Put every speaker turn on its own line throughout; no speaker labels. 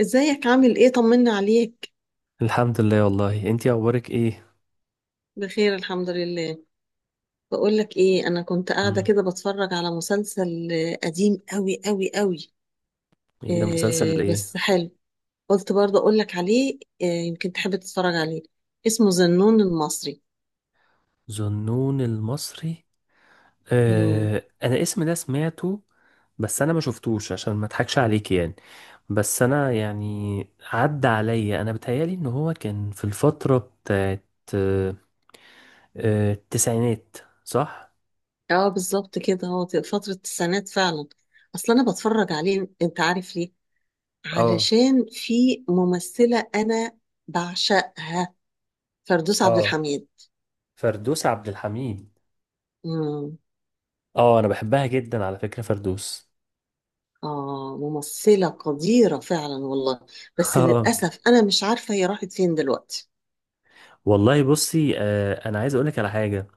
ازيك عامل ايه؟ طمنا عليك.
الحمد لله، والله انتي اخبارك ايه؟
بخير الحمد لله. بقول لك ايه، انا كنت قاعده
امم
كده بتفرج على مسلسل قديم قوي قوي قوي.
ايه ده؟ مسلسل
إيه
ايه؟
بس حلو. قلت برضه اقول لك عليه، إيه يمكن تحب تتفرج عليه. اسمه زنون المصري.
ظنون المصري.
امم.
آه، انا اسم ده سمعته. بس انا ما شفتوش عشان ما اضحكش عليك، يعني. بس انا، يعني، عدى عليا، انا بتهيالي ان هو كان في الفترة بتاعت آه التسعينات، صح.
اه، بالظبط كده هو في فتره التسعينات فعلا. اصل انا بتفرج عليه، انت عارف ليه؟
اه،
علشان في ممثله انا بعشقها. فردوس عبد
اه.
الحميد.
فردوس عبد الحميد. اه، انا بحبها جدا، على فكرة، فردوس.
آه، ممثلة قديرة فعلا والله. بس للأسف أنا مش عارفة هي راحت فين دلوقتي.
والله بصي، انا عايز اقولك على حاجه.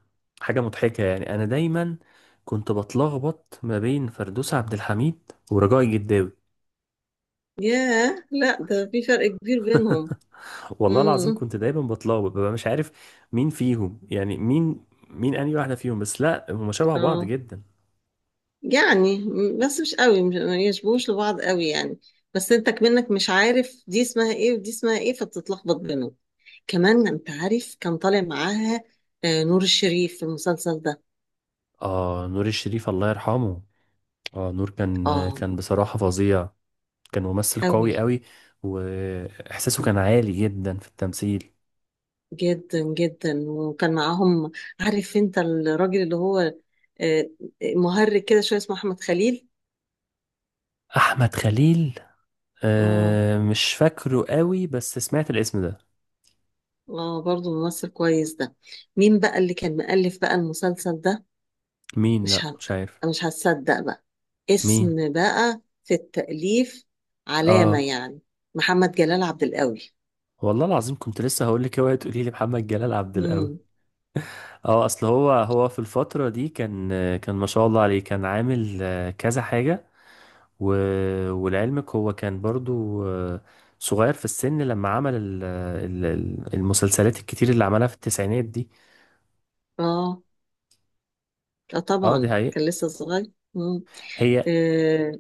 حاجه مضحكه، يعني انا دايما كنت بتلخبط ما بين فردوس عبد الحميد ورجاء الجداوي.
ياه، لا ده في فرق كبير بينهم.
والله العظيم
امم.
كنت دايما بتلخبط، ببقى مش عارف مين فيهم يعني مين انهي واحده فيهم، بس لا، هما شبه بعض
اه،
جدا.
يعني بس مش قوي، مش ما يشبهوش لبعض قوي يعني. بس انتك منك مش عارف دي اسمها ايه ودي اسمها ايه، فبتتلخبط بينهم. كمان انت عارف كان طالع معاها نور الشريف في المسلسل ده.
اه، نور الشريف الله يرحمه. اه، نور كان
اه،
كان بصراحه فظيع. كان ممثل
قوي
قوي قوي، واحساسه كان عالي جدا في التمثيل.
جدا جدا وكان معاهم. عارف انت الراجل اللي هو آه، مهرج كده شويه، اسمه احمد خليل.
احمد خليل.
اه،
أه، مش فاكره قوي، بس سمعت الاسم ده.
اه، برضه ممثل كويس ده. مين بقى اللي كان مؤلف بقى المسلسل ده؟
مين؟
مش
لا،
ه...
مش عارف.
مش هتصدق بقى.
مين؟
اسم بقى في التأليف، علامة
اه،
يعني. محمد جلال عبد القوي.
والله العظيم كنت لسه هقول لك، اوعي تقولي لي محمد جلال عبد القوي.
امم.
اه، اصل هو في الفترة دي كان. كان ما شاء الله عليه، كان عامل كذا حاجة. و... ولعلمك هو كان برضو صغير في السن، لما عمل المسلسلات الكتير اللي عملها في التسعينات دي.
اه. آه،
اه، دي
طبعا
حقيقة.
كان لسه صغير. امم.
هي.
آه.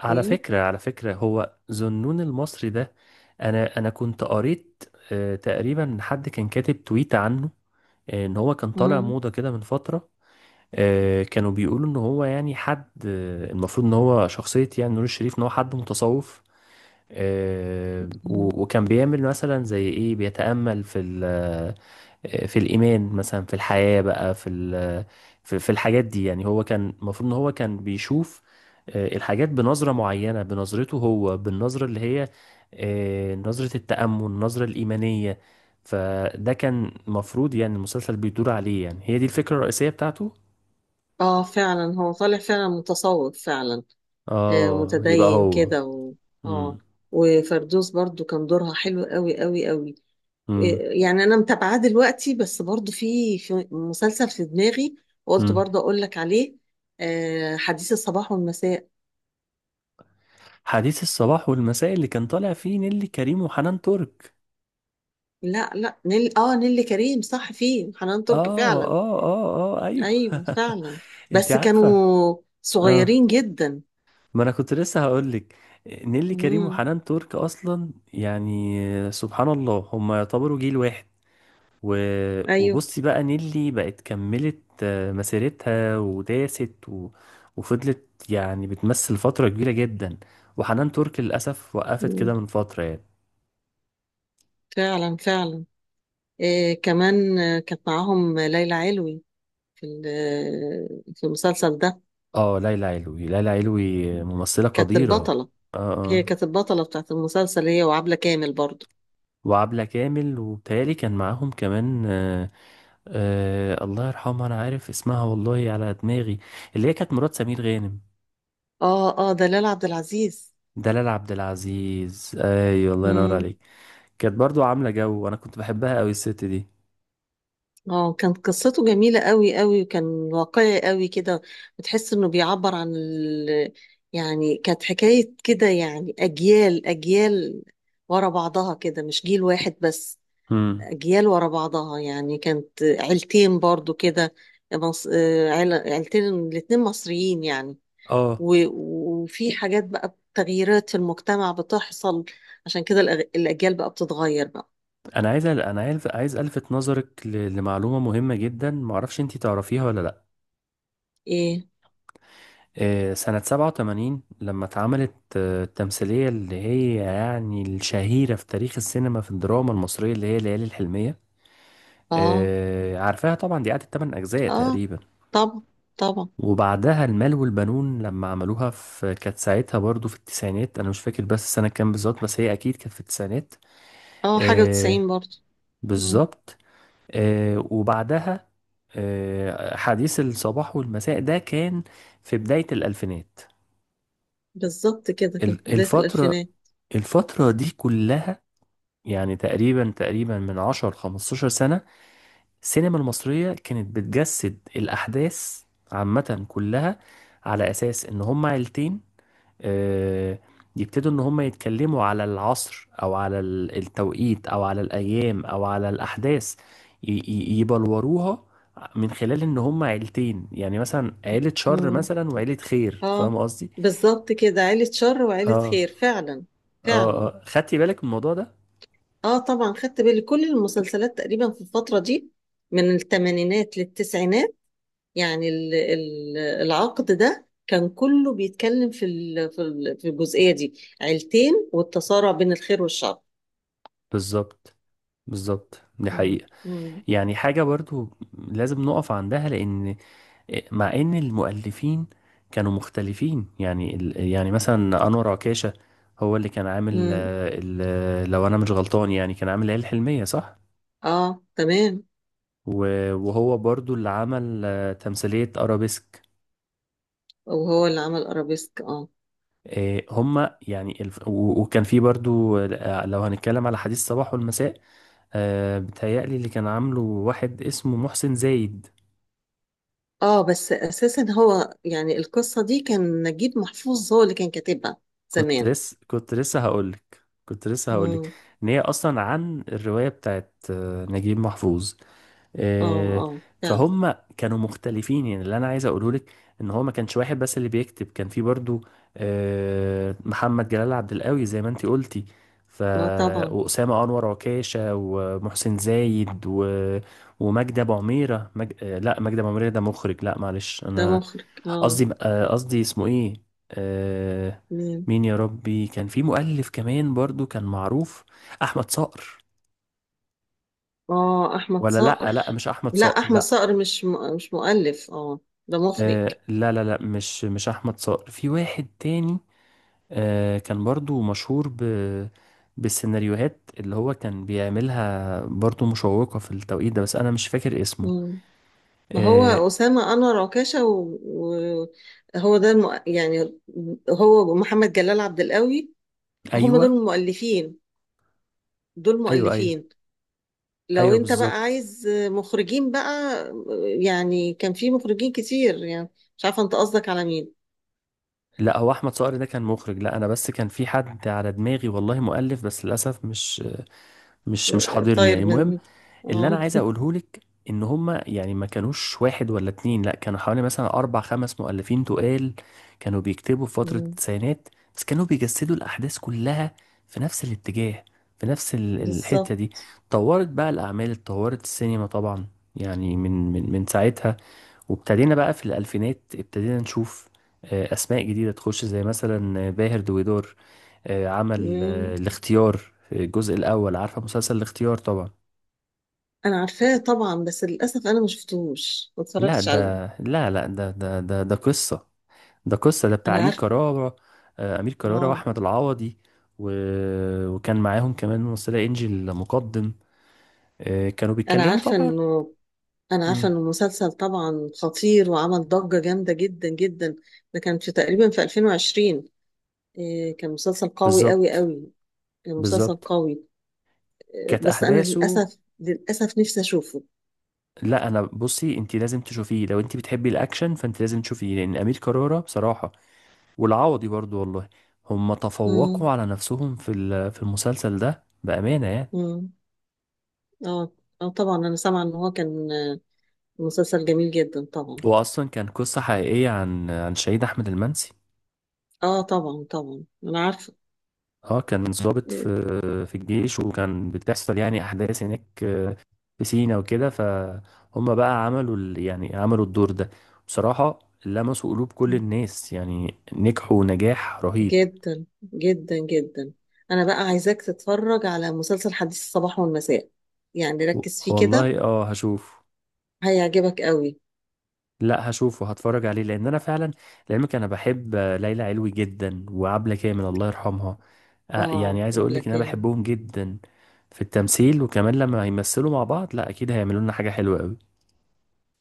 على
إيه؟
فكرة، هو ذنون المصري ده، أنا كنت قريت تقريبا. حد كان كاتب تويت عنه إن هو كان طالع
مم.
موضة كده من فترة. كانوا بيقولوا ان هو، يعني، حد المفروض ان هو شخصية، يعني نور الشريف، ان هو حد متصوف.
مم.
وكان بيعمل مثلا زي ايه، بيتأمل في في الإيمان مثلا، في الحياة بقى، في في الحاجات دي. يعني هو كان المفروض ان هو كان بيشوف الحاجات بنظرة معينة، بنظرته هو، بالنظرة اللي هي نظرة التأمل، النظرة الإيمانية. فده كان مفروض، يعني المسلسل بيدور عليه، يعني هي دي الفكرة الرئيسية بتاعته.
اه، فعلا هو طالع فعلا متصوف فعلا. آه،
اه، يبقى
متدين
هو.
كده اه،
امم،
وفردوس برضو كان دورها حلو قوي قوي قوي. آه.
امم،
يعني انا متابعاه دلوقتي بس برضو في مسلسل في دماغي. قلت
امم.
برضو اقول لك عليه. آه، حديث الصباح والمساء.
حديث الصباح والمساء اللي كان طالع فيه نيللي كريم وحنان ترك.
لا، لا، نيللي كريم صح، فيه حنان ترك
اه،
فعلا.
اه، اه، اه، ايوه.
ايوه فعلا.
انت
بس
عارفه.
كانوا
اه.
صغيرين جدا.
ما انا كنت لسه هقول لك، نيللي كريم
امم.
وحنان ترك اصلا، يعني سبحان الله، هم يعتبروا جيل واحد. و...
ايوه.
وبصي بقى، نيلي بقت كملت مسيرتها وداست، وفضلت يعني بتمثل فترة كبيرة جدا. وحنان ترك للأسف وقفت كده
مم.
من فترة، يعني.
فعلا فعلا. إيه كمان كانت معاهم ليلى علوي في ال- آه، في المسلسل ده.
اه، ليلى علوي، ليلى علوي ممثلة
كانت
قديرة.
البطلة.
اه،
هي
اه.
كانت البطلة بتاعت المسلسل، هي وعبلة كامل برضو.
وعبلة كامل، وبتهيألي كان معاهم كمان. الله يرحمها، أنا عارف اسمها والله على دماغي، اللي هي كانت مرات سمير غانم.
اه، اه، دلال عبد العزيز.
دلال عبد العزيز، أيوة الله ينور
مم.
عليك. كانت برضو عاملة جو، وأنا كنت بحبها أوي الست دي.
اه، كانت قصته جميلة قوي قوي وكان واقعي قوي كده. بتحس انه بيعبر عن يعني كانت حكاية كده، يعني اجيال اجيال ورا بعضها كده، مش جيل واحد بس.
امم.
أجيال ورا بعضها، يعني كانت عيلتين برضو كده. عيلتين الاتنين مصريين يعني
اه،
و... وفي حاجات بقى، تغييرات في المجتمع بتحصل. عشان كده الأجيال بقى بتتغير بقى.
انا عايز الفت نظرك لمعلومه مهمه جدا، معرفش انتي تعرفيها ولا لا.
إيه.
سنه 87 لما اتعملت التمثيليه اللي هي يعني الشهيره في تاريخ السينما، في الدراما المصريه، اللي هي ليالي الحلميه.
آه.
عارفاها طبعا، دي قعدت 8 اجزاء
آه،
تقريبا.
طبعا، طبعا.
وبعدها المال والبنون لما عملوها، في كانت ساعتها برضو في التسعينات، انا مش فاكر بس السنه كام بالظبط، بس هي اكيد كانت في التسعينات.
آه، حاجة
آه،
وتسعين برضو. مم.
بالظبط. وبعدها حديث الصباح والمساء ده كان في بداية الألفينات.
بالظبط كده كانت
ال-
بداية
الفترة
الألفينات.
الفترة دي كلها، يعني تقريبا من 10 15 سنة السينما المصرية كانت بتجسد الأحداث عامة كلها على أساس إن هما عيلتين. آه، يبتدوا ان هم يتكلموا على العصر، او على التوقيت، او على الايام، او على الاحداث، يبلوروها من خلال ان هم عيلتين. يعني مثلا عيلة شر
مم.
مثلا وعيلة خير،
آه،
فاهم قصدي؟
بالظبط كده عيلة شر وعيلة
اه،
خير فعلا.
اه،
فعلا.
اه. خدتي بالك من الموضوع ده؟
اه، طبعا خدت بالي كل المسلسلات تقريبا في الفترة دي، من الثمانينات للتسعينات. يعني العقد ده كان كله بيتكلم في الجزئية دي. عيلتين، والتصارع بين الخير والشر.
بالظبط. بالظبط، دي
مم.
حقيقة.
مم.
يعني حاجة برضو لازم نقف عندها، لأن مع ان المؤلفين كانوا مختلفين، يعني يعني مثلا انور عكاشة، هو اللي كان عامل
مم.
لو انا مش غلطان، يعني كان عامل العيال الحلمية، صح.
اه، تمام.
وهو برضو اللي عمل تمثيلية ارابيسك.
وهو اللي عمل ارابيسك، اه.
هما يعني وكان في برضو، لو هنتكلم على حديث الصباح والمساء، بتهيألي اللي كان عامله واحد اسمه محسن زايد.
اه، بس اساسا هو يعني القصة دي كان نجيب محفوظ هو اللي كان كاتبها زمان.
كنت لسه هقولك
مم.
ان هي اصلا عن الرواية بتاعت نجيب محفوظ.
اه،
آه،
اه، فعلا.
فهم كانوا مختلفين، يعني اللي انا عايز اقوله لك، ان هو ما كانش واحد بس اللي بيكتب، كان في برضو محمد جلال عبد القوي زي ما انتي قلتي. ف
اه، طبعا.
واسامه انور عكاشه، ومحسن زايد، ومجدي ابو عميره، مج... آه، لا مجدي ابو عميره ده مخرج، لا معلش،
ده
انا
مخرج، اه.
قصدي اسمه ايه، آه،
مم.
مين يا ربي، كان في مؤلف كمان برضو كان معروف، احمد صقر.
اه، احمد
ولا، لا،
صقر.
لا، مش احمد
لا،
صقر،
احمد
لا.
صقر مش مؤلف، اه. ده مخرج.
آه، لا، لا، لا، مش احمد صقر، في واحد تاني آه، كان برضو مشهور بالسيناريوهات اللي هو كان بيعملها، برضو مشوقة في التوقيت ده، بس انا مش فاكر اسمه.
مم. ما
آه
هو أسامة أنور عكاشة، وهو و... و- هو ده يعني هو محمد جلال عبد القوي. هم دول
ايوه،
المؤلفين. دول
ايوه. ايوه،
مؤلفين. لو
ايوه،
انت بقى
بالظبط.
عايز مخرجين بقى، يعني كان في مخرجين كتير يعني، مش عارفة انت قصدك على مين.
لا، هو احمد صقر ده كان مخرج، لا انا بس كان في حد على دماغي والله، مؤلف، بس للاسف مش حاضرني، يعني
طاير
المهم،
من.
اللي انا
اه.
عايز اقوله لك ان هما، يعني ما كانوش واحد ولا اتنين، لا، كانوا حوالي مثلا اربع خمس مؤلفين تقال، كانوا بيكتبوا في فترة
مم.
التسعينات. بس كانوا بيجسدوا الاحداث كلها في نفس الاتجاه، في نفس الحتة دي.
بالظبط.
اتطورت بقى الاعمال، اتطورت السينما طبعا، يعني من ساعتها، وابتدينا بقى في الالفينات، ابتدينا نشوف اسماء جديدة تخش، زي مثلا باهر دويدور، عمل الاختيار في الجزء الاول. عارفة مسلسل الاختيار طبعا.
انا عارفاه طبعا، بس للاسف انا ما شفتهوش، ما
لا،
اتفرجتش عليه.
ده، لا، لا، ده قصة، ده قصة، ده بتاع
انا
أمير
عارفه.
كرارة، أمير كرارة
اه.
وأحمد العوضي، و... وكان معاهم كمان ممثلة إنجي المقدم. كانوا
انا
بيتكلموا
عارفه
طبعا.
انه انا عارفه
مم.
انه مسلسل طبعا خطير، وعمل ضجه جامده جدا جدا. ده كان في تقريبا في 2020. إيه، كان مسلسل قوي قوي
بالظبط.
قوي. كان مسلسل
بالظبط.
قوي. إيه
كانت
بس انا
أحداثه،
للاسف للاسف نفسي اشوفه.
لا أنا بصي، أنت لازم تشوفيه، لو أنت بتحبي الأكشن فأنت لازم تشوفيه، لأن أمير كرارة بصراحة والعوضي برضو والله، هم تفوقوا
امم،
على نفسهم في في المسلسل ده بأمانة يعني.
امم. اه. اه، طبعا انا سامعه ان هو كان مسلسل جميل جدا طبعا.
هو اصلا كان قصه حقيقيه عن شهيد احمد المنسي.
اه، طبعا، طبعا انا عارفه.
اه، كان ضابط في
إيه.
الجيش، وكان بتحصل يعني احداث هناك في سينا وكده، فهم بقى عملوا يعني عملوا الدور ده بصراحه، لمسوا قلوب كل الناس، يعني نجحوا نجاح رهيب.
جدا جدا جدا. انا بقى عايزاك تتفرج على مسلسل حديث الصباح والمساء، يعني
و-
ركز فيه كده،
والله اه، هشوف.
هيعجبك قوي.
لا، هشوفه، هتفرج عليه لان انا فعلا، لعلمك انا بحب ليلى علوي جدا، وعبلة كامل الله يرحمها.
اه،
يعني عايز اقول
قبل
لك ان انا
كان
بحبهم جدا في التمثيل. وكمان لما هيمثلوا مع بعض، لا اكيد هيعملوا لنا حاجة حلوة قوي.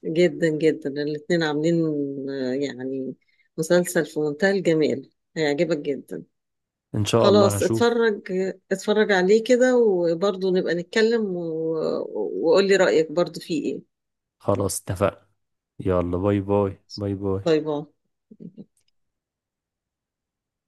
جدا جدا الاتنين عاملين يعني مسلسل في منتهى الجمال، هيعجبك جدا.
ان شاء الله
خلاص
هشوف.
اتفرج. اتفرج عليه كده وبرضه نبقى نتكلم وقول لي رأيك برضه فيه ايه.
خلاص اتفقنا. يلا، باي باي، باي باي.
باي باي.